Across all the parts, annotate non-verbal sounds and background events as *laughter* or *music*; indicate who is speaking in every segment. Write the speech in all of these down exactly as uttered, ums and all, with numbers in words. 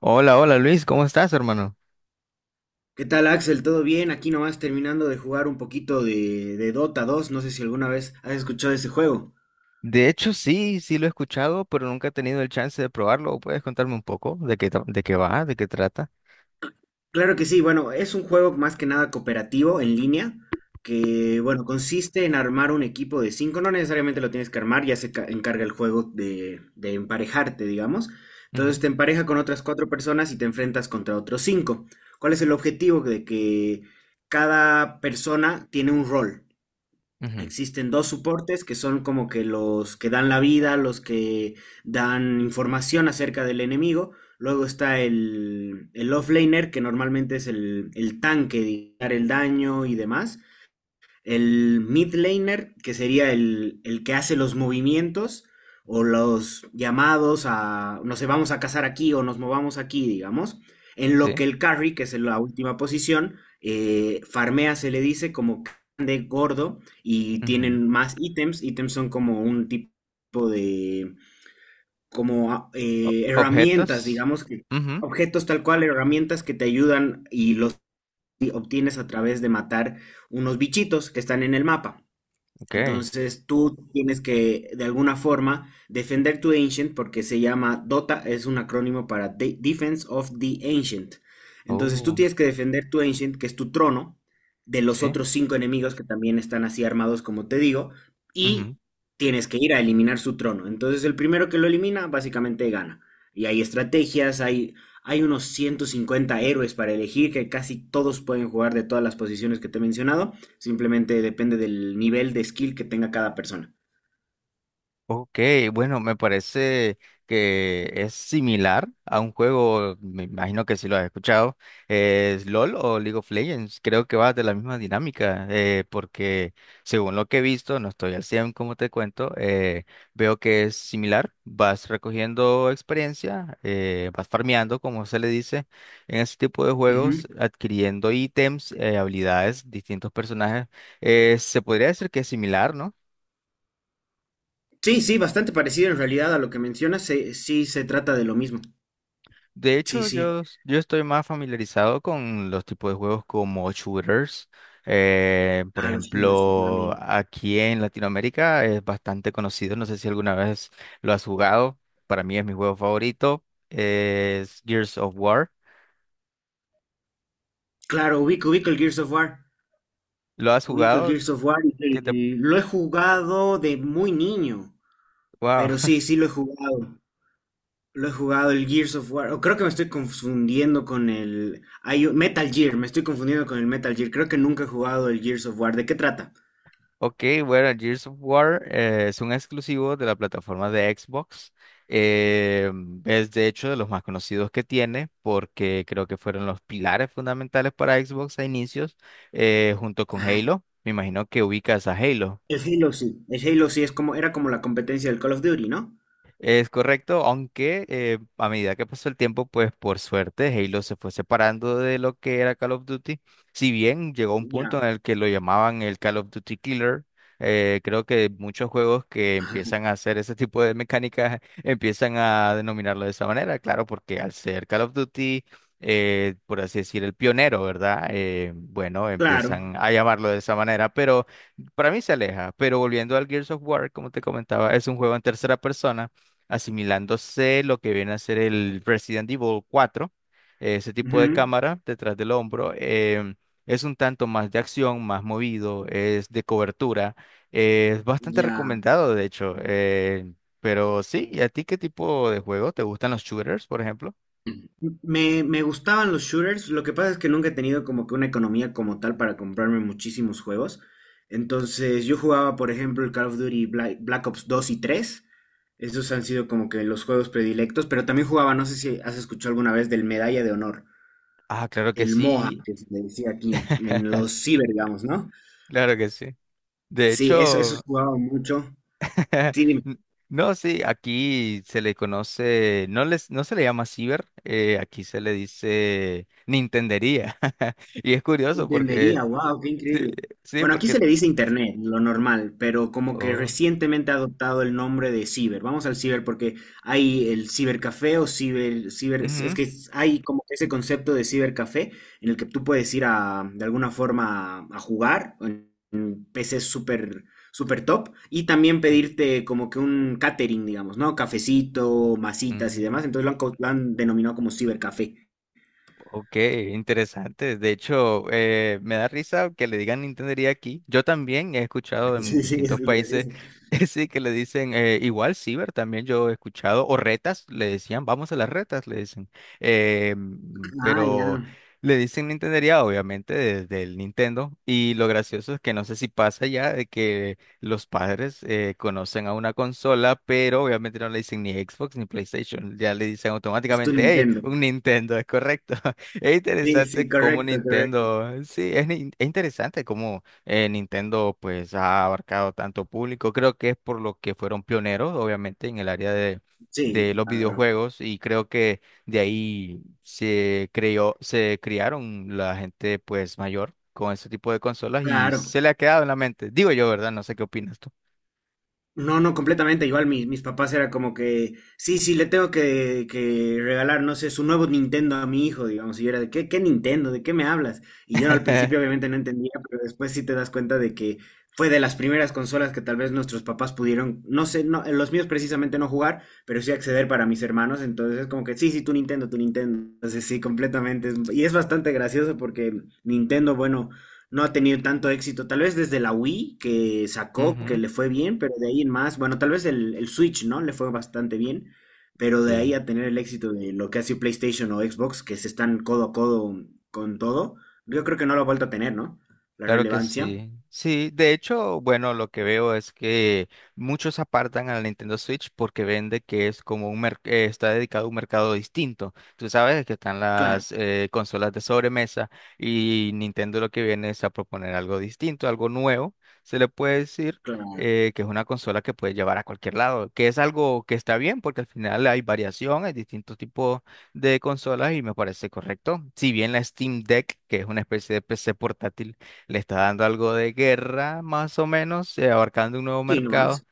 Speaker 1: Hola, hola Luis, ¿cómo estás, hermano?
Speaker 2: ¿Qué tal, Axel? ¿Todo bien? Aquí nomás terminando de jugar un poquito de, de Dota dos. No sé si alguna vez has escuchado ese juego.
Speaker 1: De hecho, sí, sí lo he escuchado, pero nunca he tenido el chance de probarlo. ¿Puedes contarme un poco de qué, tra- de qué va, de qué trata?
Speaker 2: Claro que sí, bueno, es un juego más que nada cooperativo en línea, que bueno, consiste en armar un equipo de cinco. No necesariamente lo tienes que armar, ya se ca- encarga el juego de, de emparejarte, digamos.
Speaker 1: Ujú,
Speaker 2: Entonces te empareja con otras cuatro personas y te enfrentas contra otros cinco. ¿Cuál es el objetivo? De que cada persona tiene un rol.
Speaker 1: ujú,
Speaker 2: Existen dos soportes que son como que los que dan la vida, los que dan información acerca del enemigo. Luego está el, el offlaner, que normalmente es el, el tanque, de dar el daño y demás el mid laner, que sería el, el que hace los movimientos o los llamados a, no sé, vamos a cazar aquí o nos movamos aquí, digamos, en lo
Speaker 1: sí.
Speaker 2: que el carry, que es en la última posición, eh, farmea, se le dice, como de gordo y
Speaker 1: Ujú,
Speaker 2: tienen más ítems. Ítems son como un tipo de, como
Speaker 1: O-
Speaker 2: eh, herramientas,
Speaker 1: objetos.
Speaker 2: digamos, que,
Speaker 1: Ujú,
Speaker 2: objetos tal cual, herramientas que te ayudan y los obtienes a través de matar unos bichitos que están en el mapa.
Speaker 1: ok.
Speaker 2: Entonces tú tienes que, de alguna forma, defender tu Ancient porque se llama DOTA, es un acrónimo para De- Defense of the Ancient. Entonces tú
Speaker 1: Oh,
Speaker 2: tienes que defender tu Ancient, que es tu trono, de los
Speaker 1: sí.
Speaker 2: otros cinco enemigos que también están así armados, como te digo, y tienes que ir a eliminar su trono. Entonces el primero que lo elimina, básicamente gana. Y hay estrategias, hay, hay unos ciento cincuenta héroes para elegir, que casi todos pueden jugar de todas las posiciones que te he mencionado. Simplemente depende del nivel de skill que tenga cada persona.
Speaker 1: Ok, bueno, me parece que es similar a un juego, me imagino que si lo has escuchado, es LOL o League of Legends. Creo que va de la misma dinámica, eh, porque según lo que he visto, no estoy al cien. Como te cuento, eh, veo que es similar, vas recogiendo experiencia, eh, vas farmeando, como se le dice, en ese tipo de
Speaker 2: Ujú.
Speaker 1: juegos, adquiriendo ítems, eh, habilidades, distintos personajes. Eh, se podría decir que es similar, ¿no?
Speaker 2: Sí, sí, bastante parecido en realidad a lo que mencionas. Se- sí, se trata de lo mismo.
Speaker 1: De
Speaker 2: Sí,
Speaker 1: hecho,
Speaker 2: sí.
Speaker 1: yo, yo estoy más familiarizado con los tipos de juegos como shooters. Eh, por
Speaker 2: A los shooters sí te.
Speaker 1: ejemplo, aquí en Latinoamérica es bastante conocido. No sé si alguna vez lo has jugado. Para mí es mi juego favorito. Es Gears of War.
Speaker 2: Claro, ubico, ubico el Gears of War.
Speaker 1: ¿Lo has
Speaker 2: Ubico el
Speaker 1: jugado?
Speaker 2: Gears of War
Speaker 1: ¿Qué te...
Speaker 2: y lo he jugado de muy niño. Pero
Speaker 1: Wow.
Speaker 2: sí, sí lo he jugado. Lo he jugado el Gears of War. O creo que me estoy confundiendo con el. hay un- Metal Gear, me estoy confundiendo con el Metal Gear. Creo que nunca he jugado el Gears of War. ¿De qué trata?
Speaker 1: Ok, bueno, Gears of War eh, es un exclusivo de la plataforma de Xbox. Eh, es de hecho de los más conocidos que tiene porque creo que fueron los pilares fundamentales para Xbox a inicios, eh, junto con
Speaker 2: Ah,
Speaker 1: Halo. Me imagino que ubicas a Halo.
Speaker 2: el Halo sí, el Halo sí es como, era como la competencia del Call of Duty, ¿no?
Speaker 1: Es correcto, aunque, eh, a medida que pasó el tiempo, pues por suerte Halo se fue separando de lo que era Call of Duty. Si bien llegó un punto
Speaker 2: Ya,
Speaker 1: en el que lo llamaban el Call of Duty Killer, eh, creo que muchos juegos que empiezan a
Speaker 2: *laughs*
Speaker 1: hacer ese tipo de mecánicas *laughs* empiezan a denominarlo de esa manera, claro, porque al ser Call of Duty, eh, por así decir, el pionero, ¿verdad? Eh, bueno,
Speaker 2: claro.
Speaker 1: empiezan a llamarlo de esa manera, pero para mí se aleja. Pero volviendo al Gears of War, como te comentaba, es un juego en tercera persona, asimilándose lo que viene a ser el Resident Evil cuatro, eh, ese tipo de
Speaker 2: Ujú.
Speaker 1: cámara detrás del hombro. Em, es un tanto más de acción, más movido, es de cobertura, eh, es bastante
Speaker 2: Ya.
Speaker 1: recomendado, de hecho. Eh, pero sí, ¿y a ti qué tipo de juego? ¿Te gustan los shooters, por ejemplo?
Speaker 2: Me, me gustaban los shooters, lo que pasa es que nunca he tenido como que una economía como tal para comprarme muchísimos juegos. Entonces yo jugaba, por ejemplo, el Call of Duty Bla- Black, Ops dos y tres. Esos han sido como que los juegos predilectos, pero también jugaba, no sé si has escuchado alguna vez del Medalla de Honor,
Speaker 1: Ah, claro que
Speaker 2: el MOHA,
Speaker 1: sí,
Speaker 2: que se le decía aquí, en
Speaker 1: *laughs*
Speaker 2: los ciber, digamos, ¿no?
Speaker 1: claro que sí. De
Speaker 2: Sí, eso, eso
Speaker 1: hecho,
Speaker 2: jugaba mucho. Sí,
Speaker 1: *laughs* no, sí, aquí se le conoce, no les, no se le llama ciber, eh, aquí se le dice Nintendería. *laughs* Y es curioso porque,
Speaker 2: Entendería, wow, qué
Speaker 1: sí,
Speaker 2: increíble.
Speaker 1: sí,
Speaker 2: Bueno, aquí
Speaker 1: porque,
Speaker 2: se le dice internet, lo normal, pero como que
Speaker 1: oh,
Speaker 2: recientemente ha adoptado el nombre de ciber. Vamos al ciber porque hay el cibercafé o ciber, ciber, es
Speaker 1: ujú,
Speaker 2: que hay como que ese concepto de cibercafé en el que tú puedes ir a, de alguna forma, a jugar en, en P Cs súper, súper top y también pedirte como que un catering, digamos, ¿no? Cafecito, masitas y
Speaker 1: ujú.
Speaker 2: demás. Entonces lo han, co- lo han denominado como cibercafé. *laughs*
Speaker 1: Ok, interesante. De hecho, eh, me da risa que le digan Nintendería aquí. Yo también he escuchado en
Speaker 2: Sí, sí, es
Speaker 1: distintos países,
Speaker 2: gracioso.
Speaker 1: *laughs* sí, que le dicen, eh, igual Ciber, también yo he escuchado, o retas, le decían, vamos a las retas, le dicen. Eh, mm,
Speaker 2: Ah,
Speaker 1: pero
Speaker 2: ya.
Speaker 1: le dicen Nintendería, obviamente, desde el Nintendo. Y lo gracioso es que no sé si pasa ya de que los padres, eh, conocen a una consola, pero obviamente no le dicen ni Xbox ni PlayStation, ya le dicen
Speaker 2: Es tu
Speaker 1: automáticamente, hey,
Speaker 2: Nintendo.
Speaker 1: un Nintendo, es correcto. Es
Speaker 2: Sí,
Speaker 1: interesante
Speaker 2: sí,
Speaker 1: cómo
Speaker 2: correcto, correcto.
Speaker 1: Nintendo, eh, sí, es, nin- es interesante cómo, eh, Nintendo pues ha abarcado tanto público. Creo que es por lo que fueron pioneros, obviamente, en el área de,
Speaker 2: Sí,
Speaker 1: de los
Speaker 2: claro,
Speaker 1: videojuegos y creo que de ahí se creó, se criaron la gente pues mayor con ese tipo de consolas y
Speaker 2: claro.
Speaker 1: se le ha quedado en la mente. Digo yo, ¿verdad? No sé qué opinas tú.
Speaker 2: No, no, completamente. Igual mis, mis papás era como que, sí, sí, le tengo que, que regalar, no sé, su nuevo Nintendo a mi hijo, digamos. Y yo era de, ¿qué, qué Nintendo? ¿De qué me hablas? Y yo al principio
Speaker 1: *laughs*
Speaker 2: obviamente no entendía, pero después sí te das cuenta de que fue de las primeras consolas que tal vez nuestros papás pudieron, no sé, no, los míos precisamente no jugar, pero sí acceder para mis hermanos. Entonces es como que, sí, sí, tu Nintendo, tu Nintendo. Entonces sí, completamente. es- Y es bastante gracioso porque Nintendo, bueno. No ha tenido tanto éxito, tal vez desde la Wii que sacó, que
Speaker 1: Ujú,
Speaker 2: le fue bien, pero de ahí en más, bueno, tal vez el, el Switch, ¿no? Le fue bastante bien, pero de
Speaker 1: sí.
Speaker 2: ahí a tener el éxito de lo que ha sido PlayStation o Xbox, que se están codo a codo con todo, yo creo que no lo ha vuelto a tener, ¿no? La
Speaker 1: Claro que
Speaker 2: relevancia.
Speaker 1: sí. Sí, de hecho, bueno, lo que veo es que muchos apartan a la Nintendo Switch porque vende que es como un merc- eh, está dedicado a un mercado distinto. Tú sabes que están
Speaker 2: Claro,
Speaker 1: las, eh, consolas de sobremesa y Nintendo lo que viene es a proponer algo distinto, algo nuevo. Se le puede decir,
Speaker 2: claro.
Speaker 1: eh, que es una consola que puede llevar a cualquier lado, que es algo que está bien porque al final hay variación, hay distintos tipos de consolas y me parece correcto. Si bien la Steam Deck, que es una especie de P C portátil, le está dando algo de guerra, más o menos, eh, abarcando un nuevo
Speaker 2: Sí,
Speaker 1: mercado.
Speaker 2: nomás.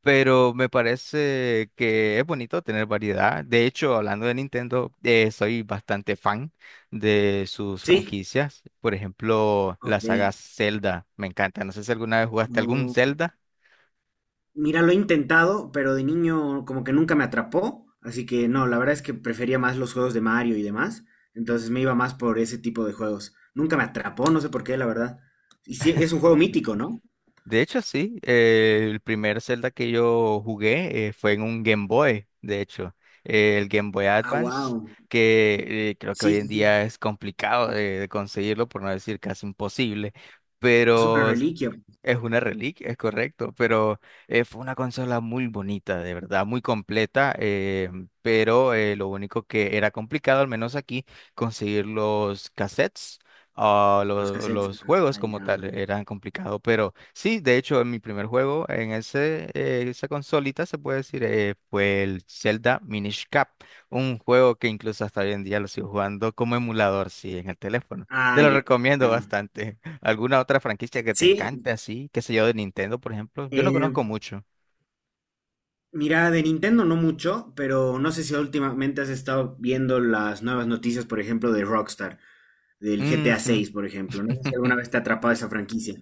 Speaker 1: Pero me parece que es bonito tener variedad. De hecho, hablando de Nintendo, eh, soy bastante fan de sus
Speaker 2: Sí,
Speaker 1: franquicias. Por ejemplo, la
Speaker 2: ok.
Speaker 1: saga Zelda, me encanta. No sé si alguna vez jugaste algún
Speaker 2: Oh,
Speaker 1: Zelda.
Speaker 2: mira, lo he intentado, pero de niño como que nunca me atrapó, así que no, la verdad es que prefería más los juegos de Mario y demás, entonces me iba más por ese tipo de juegos. Nunca me atrapó, no sé por qué, la verdad. Y sí, es un juego mítico, ¿no?
Speaker 1: De hecho, sí. Eh, el primer Zelda que yo jugué, eh, fue en un Game Boy, de hecho. Eh, el Game Boy
Speaker 2: Ah,
Speaker 1: Advance,
Speaker 2: wow.
Speaker 1: que, eh, creo que
Speaker 2: Sí,
Speaker 1: hoy en
Speaker 2: sí, sí.
Speaker 1: día es complicado de, de conseguirlo, por no decir casi imposible.
Speaker 2: Es una
Speaker 1: Pero s-
Speaker 2: reliquia,
Speaker 1: es una reliquia, es correcto. Pero, eh, fue una consola muy bonita, de verdad, muy completa. Eh, pero, eh, lo único que era complicado, al menos aquí, conseguir los cassettes. Ah,
Speaker 2: los
Speaker 1: lo-
Speaker 2: cassettes.
Speaker 1: los juegos
Speaker 2: Ah,
Speaker 1: como
Speaker 2: ya.
Speaker 1: tal eran complicados, pero sí, de hecho, en mi primer juego en ese, eh, esa consolita se puede decir, eh, fue el Zelda Minish Cap, un juego que incluso hasta hoy en día lo sigo jugando como emulador, sí, en el teléfono. Te
Speaker 2: Ah,
Speaker 1: lo
Speaker 2: ya.
Speaker 1: recomiendo
Speaker 2: Ya.
Speaker 1: bastante. *laughs* ¿Alguna otra franquicia que te
Speaker 2: Sí,
Speaker 1: encante así? ¿Qué sé yo, de Nintendo, por ejemplo? Yo no
Speaker 2: eh,
Speaker 1: conozco mucho.
Speaker 2: mira, de Nintendo no mucho, pero no sé si últimamente has estado viendo las nuevas noticias, por ejemplo, de Rockstar. Del G T A
Speaker 1: Ujú.
Speaker 2: seis, por ejemplo. No sé si alguna vez
Speaker 1: *laughs*
Speaker 2: te ha atrapado esa franquicia.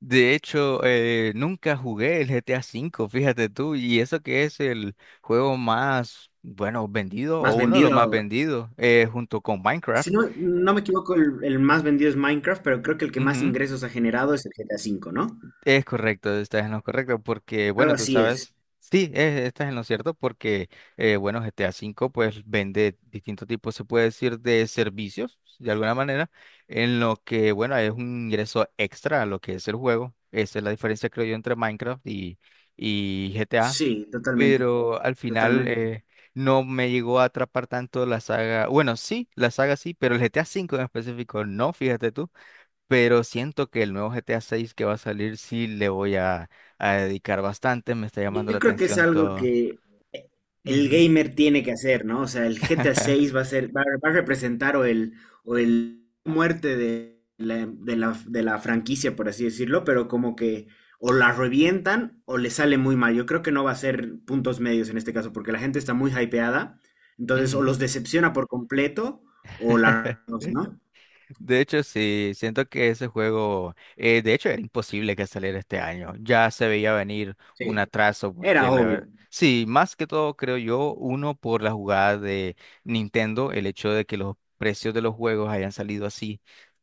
Speaker 1: De hecho, eh, nunca jugué el G T A cinco, fíjate tú, y eso que es el juego más, bueno, vendido
Speaker 2: Más
Speaker 1: o uno de los más
Speaker 2: vendido,
Speaker 1: vendidos, eh, junto con
Speaker 2: si
Speaker 1: Minecraft.
Speaker 2: no, no me equivoco, el, el más vendido es Minecraft, pero creo que el que más
Speaker 1: Ujú.
Speaker 2: ingresos ha generado es el G T A cinco, ¿no?
Speaker 1: Es correcto, estás en lo correcto, porque bueno,
Speaker 2: Algo
Speaker 1: tú
Speaker 2: así es.
Speaker 1: sabes, sí, es- estás en lo cierto, porque, eh, bueno, G T A cinco pues vende distintos tipos, se puede decir, de servicios, de alguna manera, en lo que bueno, es un ingreso extra a lo que es el juego. Esa es la diferencia, creo yo, entre Minecraft y, y, G T A,
Speaker 2: Sí, totalmente.
Speaker 1: pero al final,
Speaker 2: Totalmente.
Speaker 1: eh, no me llegó a atrapar tanto la saga, bueno, sí, la saga sí, pero el G T A cinco en específico no, fíjate tú, pero siento que el nuevo G T A seis que va a salir sí le voy a, a dedicar bastante, me está llamando la
Speaker 2: Yo creo que es
Speaker 1: atención
Speaker 2: algo
Speaker 1: todo.
Speaker 2: que el
Speaker 1: Ujú.
Speaker 2: gamer tiene que hacer, ¿no? O sea, el G T A seis va
Speaker 1: *laughs*
Speaker 2: a ser, va, va a representar o el, o el muerte de la, de la, de la franquicia, por así decirlo, pero como que o la revientan o le sale muy mal. Yo creo que no va a ser puntos medios en este caso, porque la gente está muy hypeada, entonces o
Speaker 1: Ujú.
Speaker 2: los decepciona por completo o la,
Speaker 1: *laughs*
Speaker 2: ¿no?
Speaker 1: De hecho, sí, siento que ese juego, eh, de hecho, era imposible que saliera este año. Ya se veía venir un
Speaker 2: Sí.
Speaker 1: atraso porque
Speaker 2: Era
Speaker 1: la
Speaker 2: obvio.
Speaker 1: ver- sí, más que todo creo yo, uno por la jugada de Nintendo, el hecho de que los precios de los juegos hayan salido así,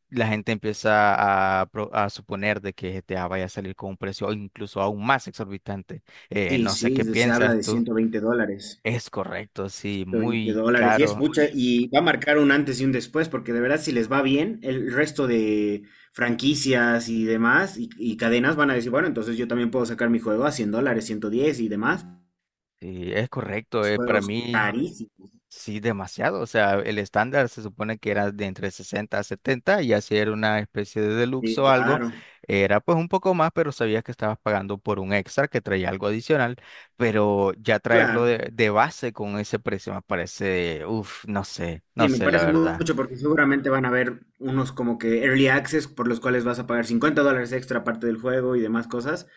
Speaker 1: la gente empieza a, pro- a suponer de que G T A vaya a salir con un precio incluso aún más exorbitante. Eh,
Speaker 2: Sí,
Speaker 1: no sé
Speaker 2: sí,
Speaker 1: qué
Speaker 2: se habla
Speaker 1: piensas
Speaker 2: de
Speaker 1: tú.
Speaker 2: ciento veinte dólares.
Speaker 1: Es correcto, sí,
Speaker 2: De veinte
Speaker 1: muy
Speaker 2: dólares. Y es
Speaker 1: caro.
Speaker 2: mucha, y va a marcar un antes y un después, porque de verdad, si les va bien, el resto de franquicias y demás, y, y cadenas van a decir, bueno, entonces yo también puedo sacar mi juego a cien dólares, ciento diez y demás.
Speaker 1: Sí, es correcto.
Speaker 2: Los
Speaker 1: Eh, para
Speaker 2: juegos
Speaker 1: mí,
Speaker 2: carísimos.
Speaker 1: sí, demasiado. O sea, el estándar se supone que era de entre sesenta a setenta y así era una especie de deluxe
Speaker 2: Sí,
Speaker 1: o algo.
Speaker 2: claro,
Speaker 1: Era pues un poco más, pero sabías que estabas pagando por un extra que traía algo adicional. Pero ya traerlo
Speaker 2: claro.
Speaker 1: de, de, base con ese precio me parece, uff, no sé, no
Speaker 2: Sí, me
Speaker 1: sé la
Speaker 2: parece
Speaker 1: verdad.
Speaker 2: mucho porque seguramente van a haber unos como que early access por los cuales vas a pagar cincuenta dólares extra aparte del juego y demás cosas.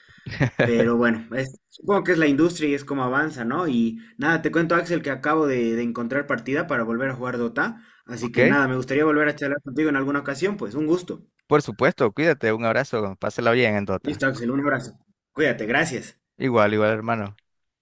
Speaker 2: Pero bueno, es- supongo que es la industria y es como avanza, ¿no? Y nada, te cuento, Axel, que acabo de, de encontrar partida para volver a jugar Dota. Así que
Speaker 1: ¿Ok?
Speaker 2: nada, me gustaría volver a charlar contigo en alguna ocasión, pues un gusto.
Speaker 1: Por supuesto, cuídate, un abrazo, pásela bien en Dota.
Speaker 2: Listo, Axel, un abrazo. Cuídate, gracias.
Speaker 1: Igual, igual, hermano.